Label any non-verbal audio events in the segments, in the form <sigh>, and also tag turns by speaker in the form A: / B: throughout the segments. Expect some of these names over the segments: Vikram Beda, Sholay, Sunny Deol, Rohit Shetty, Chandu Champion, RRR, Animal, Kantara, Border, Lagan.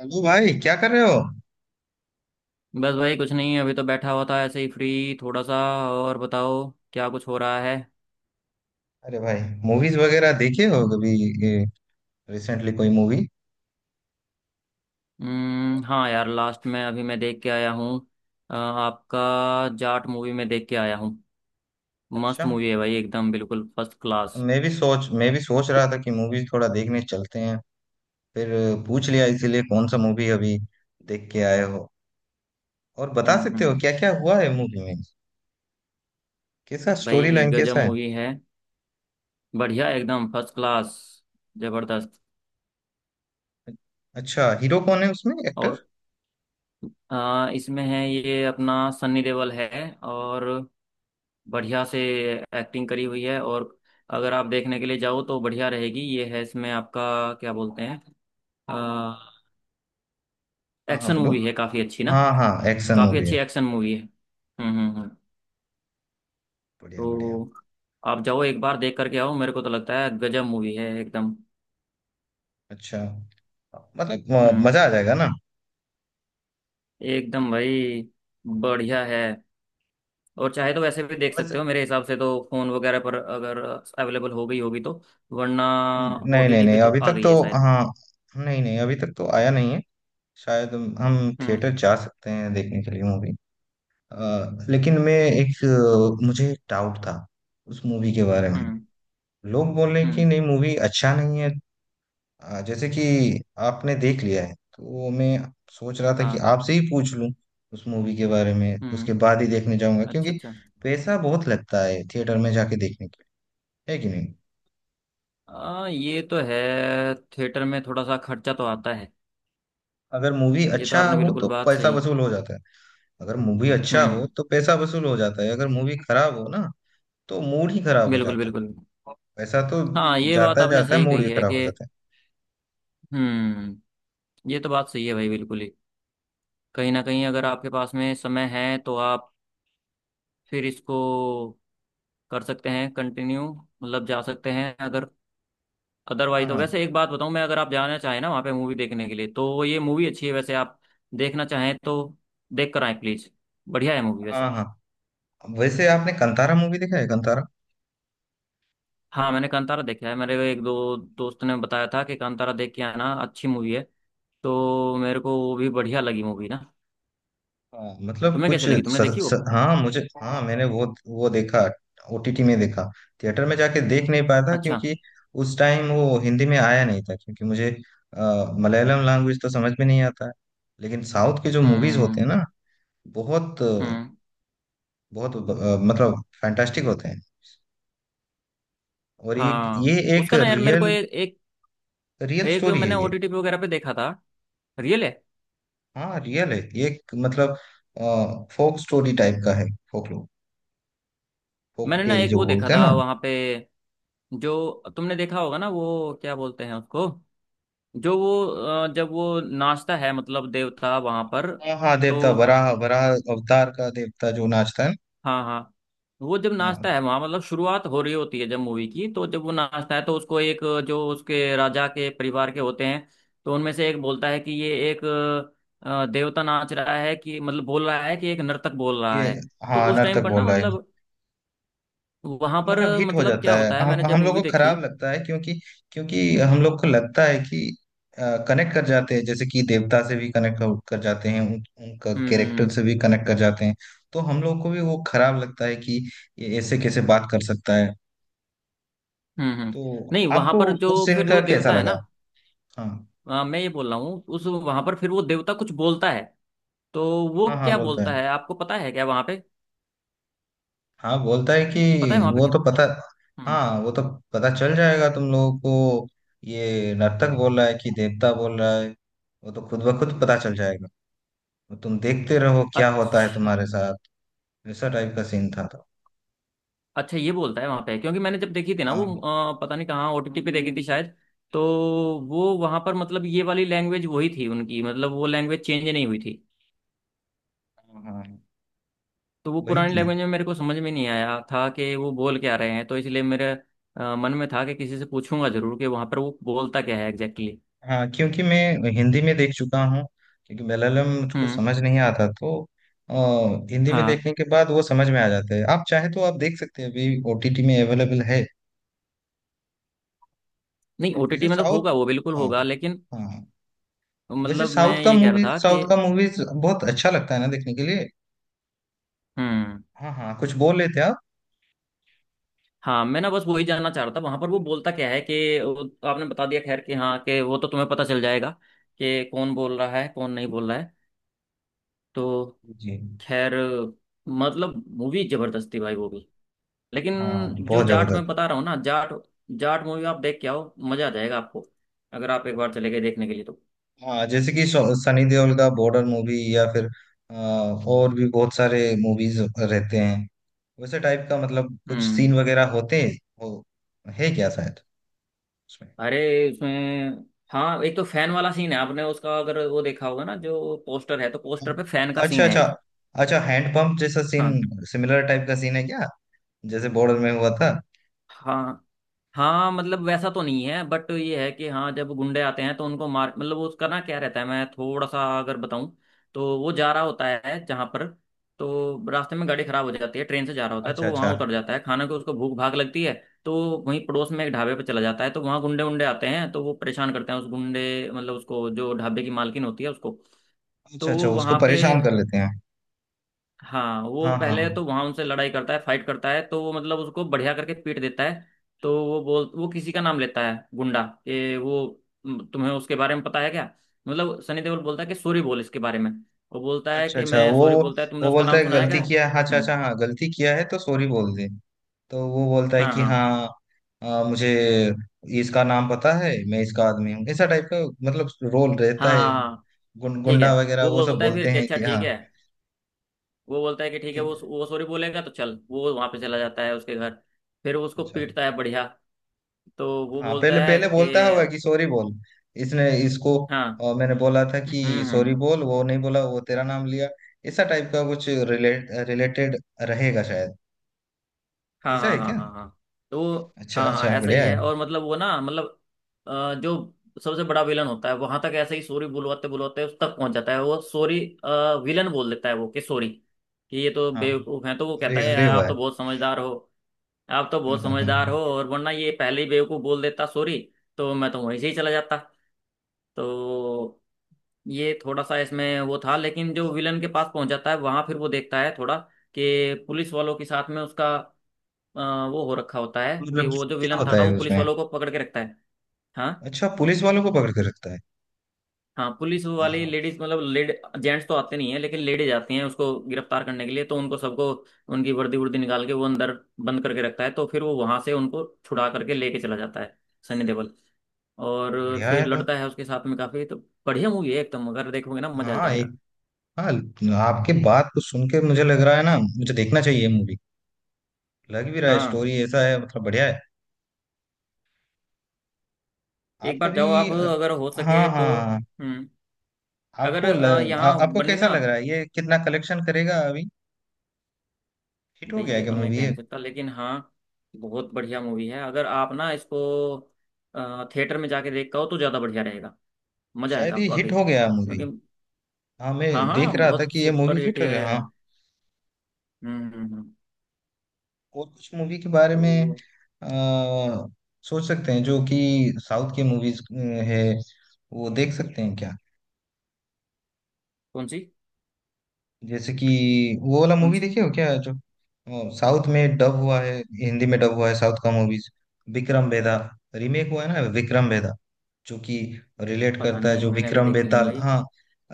A: Hello भाई, क्या कर रहे हो।
B: बस भाई कुछ नहीं। अभी तो बैठा हुआ था ऐसे ही फ्री थोड़ा सा। और बताओ क्या कुछ हो रहा है।
A: अरे भाई, मूवीज वगैरह देखे हो कभी। रिसेंटली कोई मूवी।
B: हम्म, हाँ यार, लास्ट में अभी मैं देख के आया हूँ। आपका जाट मूवी में देख के आया हूँ। मस्त
A: अच्छा।
B: मूवी है भाई, एकदम बिल्कुल फर्स्ट क्लास।
A: मैं भी सोच रहा था कि मूवीज थोड़ा देखने चलते हैं। फिर पूछ लिया इसीलिए कौन सा मूवी अभी देख के आए हो। और बता सकते हो
B: हम्म।
A: क्या क्या हुआ है मूवी में। कैसा स्टोरी
B: भाई
A: लाइन
B: गजब
A: कैसा है।
B: मूवी है। बढ़िया, एकदम फर्स्ट क्लास, जबरदस्त।
A: अच्छा, हीरो कौन है उसमें एक्टर।
B: और इसमें है ये अपना सन्नी देओल है, और बढ़िया से एक्टिंग करी हुई है। और अगर आप देखने के लिए जाओ तो बढ़िया रहेगी। ये है इसमें आपका, क्या बोलते हैं,
A: हाँ हाँ,
B: एक्शन
A: बोलो।
B: मूवी है काफ़ी अच्छी ना।
A: हाँ हाँ, एक्शन
B: काफ़ी
A: मूवी है।
B: अच्छी एक्शन मूवी है। हम्म।
A: बढ़िया
B: तो
A: बढ़िया।
B: आप जाओ, एक बार देख करके आओ। मेरे को तो लगता है गजब मूवी है एकदम।
A: अच्छा। मतलब
B: हम्म,
A: मजा आ जाएगा ना।
B: एकदम भाई, बढ़िया है। और चाहे तो वैसे भी देख
A: बस।
B: सकते हो, मेरे हिसाब से तो फ़ोन वगैरह पर, अगर अवेलेबल हो गई होगी तो। वरना
A: नहीं नहीं
B: ओटीटी पे
A: नहीं,
B: तो
A: अभी
B: आ
A: तक
B: गई
A: तो।
B: है शायद।
A: हाँ। नहीं नहीं, अभी तक तो आया नहीं है। शायद हम
B: हम्म
A: थिएटर जा सकते हैं देखने के लिए मूवी। लेकिन मुझे एक डाउट था उस मूवी के बारे में।
B: हम्म
A: लोग बोल रहे
B: हम्म।
A: कि नहीं मूवी अच्छा नहीं है। जैसे कि आपने देख लिया है तो मैं सोच रहा था कि
B: हाँ।
A: आपसे ही पूछ लूं उस मूवी के बारे में, उसके
B: हम्म।
A: बाद ही देखने जाऊंगा
B: अच्छा
A: क्योंकि
B: अच्छा।
A: पैसा बहुत लगता है थिएटर में जाके देखने के लिए, है कि नहीं।
B: ये तो है, थिएटर में थोड़ा सा खर्चा तो आता है।
A: अगर मूवी
B: ये तो
A: अच्छा
B: आपने
A: हो
B: बिल्कुल
A: तो
B: बात
A: पैसा
B: सही।
A: वसूल हो जाता है। अगर मूवी अच्छा हो
B: हम्म।
A: तो पैसा वसूल हो जाता है, अगर मूवी खराब हो ना तो मूड ही खराब हो
B: बिल्कुल
A: जाता है।
B: बिल्कुल।
A: पैसा तो
B: हाँ ये बात
A: जाता
B: आपने
A: जाता है,
B: सही
A: मूड
B: कही
A: भी
B: है
A: खराब हो
B: कि।
A: जाता है।
B: हम्म। ये तो बात सही है भाई, बिल्कुल ही। कहीं ना कहीं अगर आपके पास में समय है तो आप फिर इसको कर सकते हैं कंटिन्यू, मतलब जा सकते हैं अगर।
A: हाँ
B: अदरवाइज तो
A: हाँ
B: वैसे एक बात बताऊं मैं, अगर आप जाना चाहें ना वहाँ पे मूवी देखने के लिए तो ये मूवी अच्छी है वैसे। आप देखना चाहें तो देख कर आए प्लीज बढ़िया है मूवी वैसे।
A: हाँ हाँ। वैसे आपने कंतारा मूवी देखा है, कंतारा।
B: हाँ मैंने कांतारा देखा है। मेरे एक दो दोस्त ने बताया था कि कांतारा देख के आना, अच्छी मूवी है। तो मेरे को वो भी बढ़िया लगी मूवी ना।
A: हाँ मतलब
B: तुम्हें
A: कुछ
B: कैसे लगी,
A: स,
B: तुमने देखी वो?
A: स, हाँ मुझे, हाँ मैंने वो देखा। OTT में देखा। थिएटर में जाके देख नहीं पाया था
B: अच्छा।
A: क्योंकि उस टाइम वो हिंदी में आया नहीं था, क्योंकि मुझे मलयालम लैंग्वेज तो समझ में नहीं आता है। लेकिन साउथ के जो मूवीज होते
B: हम्म
A: हैं ना, बहुत
B: हम्म।
A: बहुत मतलब फैंटास्टिक होते हैं। और ये
B: हाँ
A: ये एक
B: उसका ना यार, मेरे को
A: रियल
B: एक एक,
A: रियल
B: एक
A: स्टोरी है
B: मैंने
A: ये।
B: ओटीटी वगैरह पे देखा था, रियल है।
A: हाँ रियल है ये, एक मतलब फोक स्टोरी टाइप का है। फोक, फोक
B: मैंने ना
A: टेल
B: एक
A: जो
B: वो देखा
A: बोलते हैं
B: था
A: ना।
B: वहां पे, जो तुमने देखा होगा ना वो क्या बोलते हैं उसको, जो वो, जब वो नाचता है मतलब देवता वहां पर।
A: हाँ हाँ,
B: तो,
A: देवता वराह वराह अवतार का देवता जो नाचता है ना।
B: हाँ हाँ, वो जब
A: हाँ,
B: नाचता है वहां, मतलब शुरुआत हो रही होती है जब मूवी की, तो जब वो नाचता है तो उसको एक, जो उसके राजा के परिवार के होते हैं, तो उनमें से एक बोलता है कि ये एक देवता नाच रहा है, कि मतलब बोल रहा है कि एक नर्तक बोल रहा
A: ये,
B: है। तो
A: हाँ,
B: उस टाइम
A: नर्तक
B: पर ना,
A: बोल रहा है।
B: मतलब वहां पर
A: मतलब हिट हो
B: मतलब
A: जाता
B: क्या
A: है,
B: होता है मैंने
A: हम
B: जब
A: हम लोग
B: मूवी
A: को
B: देखी।
A: खराब लगता है क्योंकि क्योंकि हम लोग को लगता है कि कनेक्ट कर जाते हैं, जैसे कि देवता से भी कनेक्ट कर जाते हैं, उनका
B: हम्म
A: कैरेक्टर
B: हम्म
A: से भी कनेक्ट कर जाते हैं। तो हम लोग को भी वो खराब लगता है कि ये ऐसे कैसे बात कर सकता है।
B: हम्म। हम्म।
A: तो
B: नहीं, वहां
A: आपको
B: पर जो
A: उस सीन
B: फिर
A: का
B: वो
A: कैसा
B: देवता है
A: लगा।
B: ना,
A: हाँ
B: मैं ये बोल रहा हूँ, उस वहां पर फिर वो देवता कुछ बोलता है, तो वो
A: हाँ हाँ,
B: क्या
A: बोलता है।
B: बोलता है आपको पता है क्या वहां पे?
A: हाँ बोलता है कि
B: पता है वहां पे
A: वो
B: क्या।
A: तो पता।
B: हम्म।
A: हाँ वो तो पता चल जाएगा तुम लोगों को, ये नर्तक बोल रहा है कि देवता बोल रहा है, वो तो खुद ब खुद पता चल जाएगा। तो तुम देखते रहो क्या होता है
B: अच्छा
A: तुम्हारे साथ। ऐसा टाइप का सीन था तो।
B: अच्छा, ये बोलता है वहां पे। क्योंकि मैंने जब देखी थी ना वो,
A: हाँ
B: पता नहीं कहाँ ओटीटी पे देखी थी शायद। तो वो वहां पर मतलब ये वाली लैंग्वेज वही थी उनकी, मतलब वो लैंग्वेज चेंज नहीं हुई थी।
A: हाँ हाँ।
B: तो वो
A: वही
B: पुरानी
A: थी।
B: लैंग्वेज में मेरे को समझ में नहीं आया था कि वो बोल क्या रहे हैं। तो इसलिए मेरे मन में था कि किसी से पूछूंगा जरूर कि वहां पर वो बोलता क्या है, एग्जैक्टली exactly.
A: हाँ क्योंकि मैं हिंदी में देख चुका हूँ, क्योंकि मलयालम मुझको
B: हम्म।
A: समझ नहीं आता तो। अ, हिंदी में
B: हाँ,
A: देखने के बाद वो समझ में आ जाते हैं। आप चाहे तो आप देख सकते हैं, अभी OTT में अवेलेबल है।
B: नहीं
A: वैसे
B: ओटीटी में तो
A: साउथ
B: होगा वो, बिल्कुल
A: हाँ
B: होगा, लेकिन
A: हाँ, वैसे
B: मतलब मैं ये कह रहा था कि।
A: साउथ का मूवीज बहुत अच्छा लगता है ना देखने के लिए।
B: हम्म।
A: हाँ हाँ, कुछ बोल लेते आप।
B: हाँ मैं ना बस वही जानना चाह रहा था वहां पर वो बोलता क्या है कि। आपने बता दिया खैर, कि हाँ कि वो तो तुम्हें पता चल जाएगा कि कौन बोल रहा है कौन नहीं बोल रहा है तो।
A: जी।
B: खैर, मतलब मूवी जबरदस्त थी भाई वो भी, लेकिन
A: हाँ
B: जो
A: बहुत
B: जाट मैं
A: जबरदस्त।
B: बता रहा हूँ ना, जाट, जाट मूवी आप देख के आओ, मजा आ जाएगा आपको अगर आप एक बार चले गए देखने के लिए तो।
A: हाँ जैसे कि सनी देओल का बॉर्डर मूवी या फिर और भी बहुत सारे मूवीज रहते हैं वैसे टाइप का, मतलब कुछ
B: हम्म।
A: सीन वगैरह होते हो, है क्या शायद उसमें।
B: अरे उसमें, हाँ एक तो फैन वाला सीन है। आपने उसका अगर वो देखा होगा ना, जो पोस्टर है, तो पोस्टर पे फैन का
A: अच्छा
B: सीन है
A: अच्छा।
B: एक।
A: अच्छा हैंडपंप जैसा सीन।
B: हाँ
A: सिमिलर टाइप का सीन है क्या, जैसे बॉर्डर में हुआ था।
B: हाँ हाँ, मतलब वैसा तो नहीं है, बट ये है कि हाँ, जब गुंडे आते हैं तो उनको मार, मतलब वो उसका ना क्या रहता है, मैं थोड़ा सा अगर बताऊं। तो वो जा रहा होता है जहाँ पर, तो रास्ते में गाड़ी खराब हो जाती है, ट्रेन से जा रहा होता है, तो
A: अच्छा
B: वो वहाँ
A: अच्छा।
B: उतर जाता है। खाना को उसको भूख भाग लगती है, तो वहीं पड़ोस में एक ढाबे पर चला जाता है। तो वहाँ गुंडे उंडे आते हैं, तो वो परेशान करते हैं उस गुंडे, मतलब उसको, जो ढाबे की मालकिन होती है उसको।
A: अच्छा
B: तो
A: अच्छा,
B: वो
A: उसको
B: वहाँ पे,
A: परेशान कर लेते हैं।
B: हाँ,
A: हाँ
B: वो
A: हाँ
B: पहले
A: हाँ।
B: तो वहां उनसे लड़ाई करता है, फाइट करता है, तो वो मतलब उसको बढ़िया करके पीट देता है। तो वो बोल, वो किसी का नाम लेता है गुंडा, कि वो, "म, तुम्हें उसके बारे में पता है क्या। मतलब सनी देओल बोलता है कि सॉरी बोल इसके बारे में। वो बोलता है
A: अच्छा
B: कि
A: अच्छा,
B: मैं,
A: वो
B: सॉरी बोलता है तुमने
A: वो
B: उसका
A: बोलता
B: नाम
A: है
B: सुना है
A: गलती
B: क्या।
A: किया है। अच्छा अच्छा,
B: हम्म।
A: हाँ गलती किया है तो सॉरी बोल दे। तो वो बोलता है
B: हाँ
A: कि
B: हाँ
A: हाँ मुझे इसका नाम पता है, मैं इसका आदमी हूँ, ऐसा टाइप का मतलब रोल
B: हाँ,
A: रहता है।
B: हाँ, हाँ, ठीक है।
A: गुंडा वगैरह
B: वो
A: वो सब
B: बोलता है
A: बोलते
B: फिर कि
A: हैं
B: अच्छा
A: कि
B: ठीक
A: हाँ
B: है। वो बोलता है कि ठीक है,
A: ठीक।
B: वो सॉरी बोलेगा तो चल। वो वहां पे चला जाता है उसके घर, फिर वो उसको
A: अच्छा।
B: पीटता है बढ़िया। तो वो
A: हाँ
B: बोलता
A: पहले
B: है
A: पहले
B: कि
A: बोलता होगा कि सॉरी बोल, इसने इसको
B: हाँ।
A: मैंने बोला था कि सॉरी
B: हम्म।
A: बोल, वो नहीं बोला, वो तेरा नाम लिया, ऐसा टाइप का कुछ रिलेटेड रहेगा शायद।
B: हाँ
A: ऐसा है
B: हाँ हाँ
A: क्या।
B: हाँ हाँ। तो
A: अच्छा
B: हाँ हाँ,
A: अच्छा
B: ऐसा ही
A: बढ़िया है।
B: है। और मतलब वो ना, मतलब जो सबसे बड़ा विलन होता है वहां तक ऐसे ही सॉरी बुलवाते बुलवाते उस तक पहुंच जाता है। वो सॉरी, विलन बोल देता है वो, कि सॉरी, कि ये तो
A: हाँ।
B: बेवकूफ है, तो वो कहता
A: अरे
B: है
A: अरे
B: आप
A: वाह।
B: तो बहुत समझदार हो। आप तो बहुत समझदार हो,
A: <laughs>
B: और वरना ये पहले ही बेवकूफ बोल देता सॉरी, तो मैं तो वहीं से ही चला जाता। तो ये थोड़ा सा इसमें वो था। लेकिन जो विलन के पास पहुंच जाता है वहां, फिर वो देखता है थोड़ा, कि पुलिस वालों के साथ में उसका अ, वो हो रखा होता है, कि
A: मतलब
B: वो जो
A: क्या
B: विलन
A: होता
B: था
A: है
B: वो पुलिस
A: उसमें।
B: वालों को पकड़ के रखता है। हाँ
A: अच्छा, पुलिस वालों को पकड़ के रखता है।
B: हाँ, पुलिस वाली
A: हाँ।
B: लेडीज, मतलब लेड, जेंट्स तो आते नहीं है लेकिन लेडीज आती हैं उसको गिरफ्तार करने के लिए, तो उनको सबको उनकी वर्दी वर्दी निकाल के वो अंदर बंद करके रखता है। तो फिर वो वहां से उनको छुड़ा करके लेके चला जाता है सनी देओल।
A: अरे
B: और
A: बढ़िया
B: फिर
A: है तो।
B: लड़ता है उसके साथ में काफी। तो बढ़िया मूवी है एकदम, अगर देखोगे ना मजा आ
A: हाँ
B: जाएगा।
A: एक। हाँ। आपके बात को सुन के मुझे लग रहा है ना, मुझे देखना चाहिए मूवी। लग भी रहा है,
B: हाँ
A: स्टोरी ऐसा है मतलब, बढ़िया है। आप
B: एक बार
A: कभी
B: जाओ आप, अगर हो
A: हाँ
B: सके
A: हाँ
B: तो।
A: हाँ,
B: हम्म। अगर
A: आपको ल,
B: यहाँ
A: आपको
B: बनी
A: कैसा
B: ना।
A: लग रहा है, ये कितना कलेक्शन करेगा अभी। हिट हो
B: भाई
A: गया है
B: ये
A: क्या
B: तो मैं
A: मूवी
B: कह
A: ये।
B: नहीं सकता, लेकिन हाँ, बहुत बढ़िया मूवी है। अगर आप ना इसको थिएटर में जाके देख हो तो ज़्यादा बढ़िया रहेगा। मज़ा आएगा
A: शायद ये हिट
B: वाकई
A: हो गया मूवी।
B: क्योंकि।
A: हाँ मैं
B: हाँ
A: देख
B: हाँ,
A: रहा था
B: बहुत
A: कि ये मूवी
B: सुपर हिट
A: हिट हो
B: है।
A: गया हाँ।
B: हम्म, हम्म।
A: और कुछ मूवी के बारे में
B: तो।
A: अ, सोच सकते हैं जो कि साउथ की मूवीज है, वो देख सकते हैं क्या।
B: कौन सी?
A: जैसे कि वो वाला
B: कौन
A: मूवी
B: सी?
A: देखे हो क्या जो साउथ में डब हुआ है, हिंदी में डब हुआ है साउथ का मूवीज। विक्रम बेदा। रीमेक हुआ है ना विक्रम बेदा, जो कि रिलेट
B: पता
A: करता है
B: नहीं,
A: जो
B: मैंने अभी
A: विक्रम
B: देखी नहीं
A: बेताल।
B: भाई।
A: हाँ।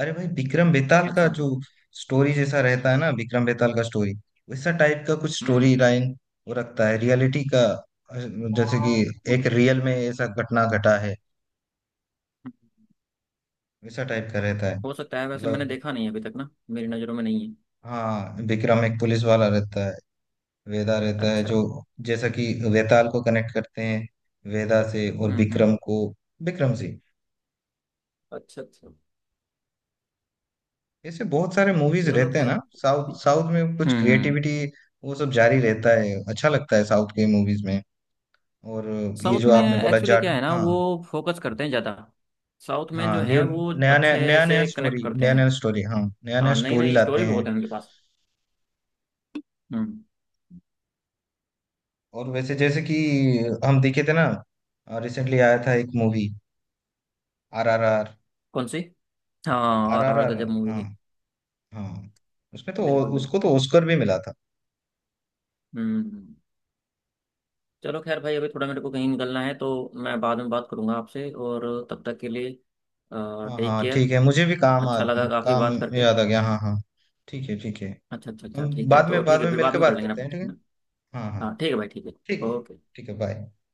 A: अरे भाई विक्रम बेताल का
B: अच्छा।
A: जो स्टोरी जैसा रहता है ना विक्रम बेताल का स्टोरी, वैसा टाइप का कुछ
B: हम्म।
A: स्टोरी लाइन वो रखता है, रियलिटी का। अ, जैसे कि एक रियल में ऐसा घटना घटा है, वैसा टाइप का रहता है
B: हो सकता है, वैसे मैंने
A: मतलब।
B: देखा नहीं है अभी तक ना, मेरी नज़रों में नहीं है।
A: हाँ विक्रम एक पुलिस वाला रहता है, वेदा रहता है जो,
B: अच्छा।
A: जैसा कि वेताल को कनेक्ट करते हैं वेदा से और
B: हम्म।
A: विक्रम को विक्रम से।
B: अच्छा अच्छा।
A: ऐसे बहुत सारे मूवीज
B: चलो
A: रहते हैं ना।
B: खैर।
A: साउथ साउथ में कुछ
B: हम्म हम्म।
A: क्रिएटिविटी वो सब जारी रहता है, अच्छा लगता है साउथ के मूवीज में। और ये
B: साउथ
A: जो
B: में
A: आपने बोला
B: एक्चुअली
A: जाट।
B: क्या है ना
A: हाँ
B: वो, फोकस करते हैं ज़्यादा। साउथ में
A: हाँ
B: जो
A: न्यू
B: है वो
A: नया नया
B: अच्छे
A: नया नया
B: से कनेक्ट
A: स्टोरी,
B: करते
A: नया
B: हैं।
A: नया स्टोरी, हाँ नया नया
B: हाँ नई
A: स्टोरी
B: नई
A: लाते
B: स्टोरी बहुत
A: हैं।
B: है उनके पास। हम्म।
A: और वैसे जैसे कि हम देखे थे ना, रिसेंटली आया था एक मूवी RRR,
B: कौन सी? हाँ
A: आर आर
B: RRR
A: आर
B: गजब मूवी
A: हाँ,
B: थी।
A: हाँ। उसमें तो
B: बिल्कुल
A: उसको
B: बिल्कुल।
A: तो ऑस्कर भी मिला था।
B: हम्म। चलो खैर भाई, अभी थोड़ा मेरे को कहीं निकलना है तो मैं बाद में बात करूंगा आपसे। और तब तक के लिए
A: हाँ
B: टेक
A: हाँ
B: केयर,
A: ठीक है, मुझे भी
B: अच्छा लगा काफ़ी
A: काम
B: बात करके।
A: याद आ गया। हाँ हाँ, ठीक है ठीक है।
B: अच्छा अच्छा अच्छा
A: हम
B: ठीक है, तो
A: बाद
B: ठीक है
A: में
B: फिर बाद
A: मिलकर
B: में कर
A: बात
B: लेंगे
A: करते हैं ठीक है।
B: ना।
A: हाँ हाँ।
B: हाँ ठीक है भाई, ठीक है।
A: ठीक।
B: ओके।
A: ठीक है बाय।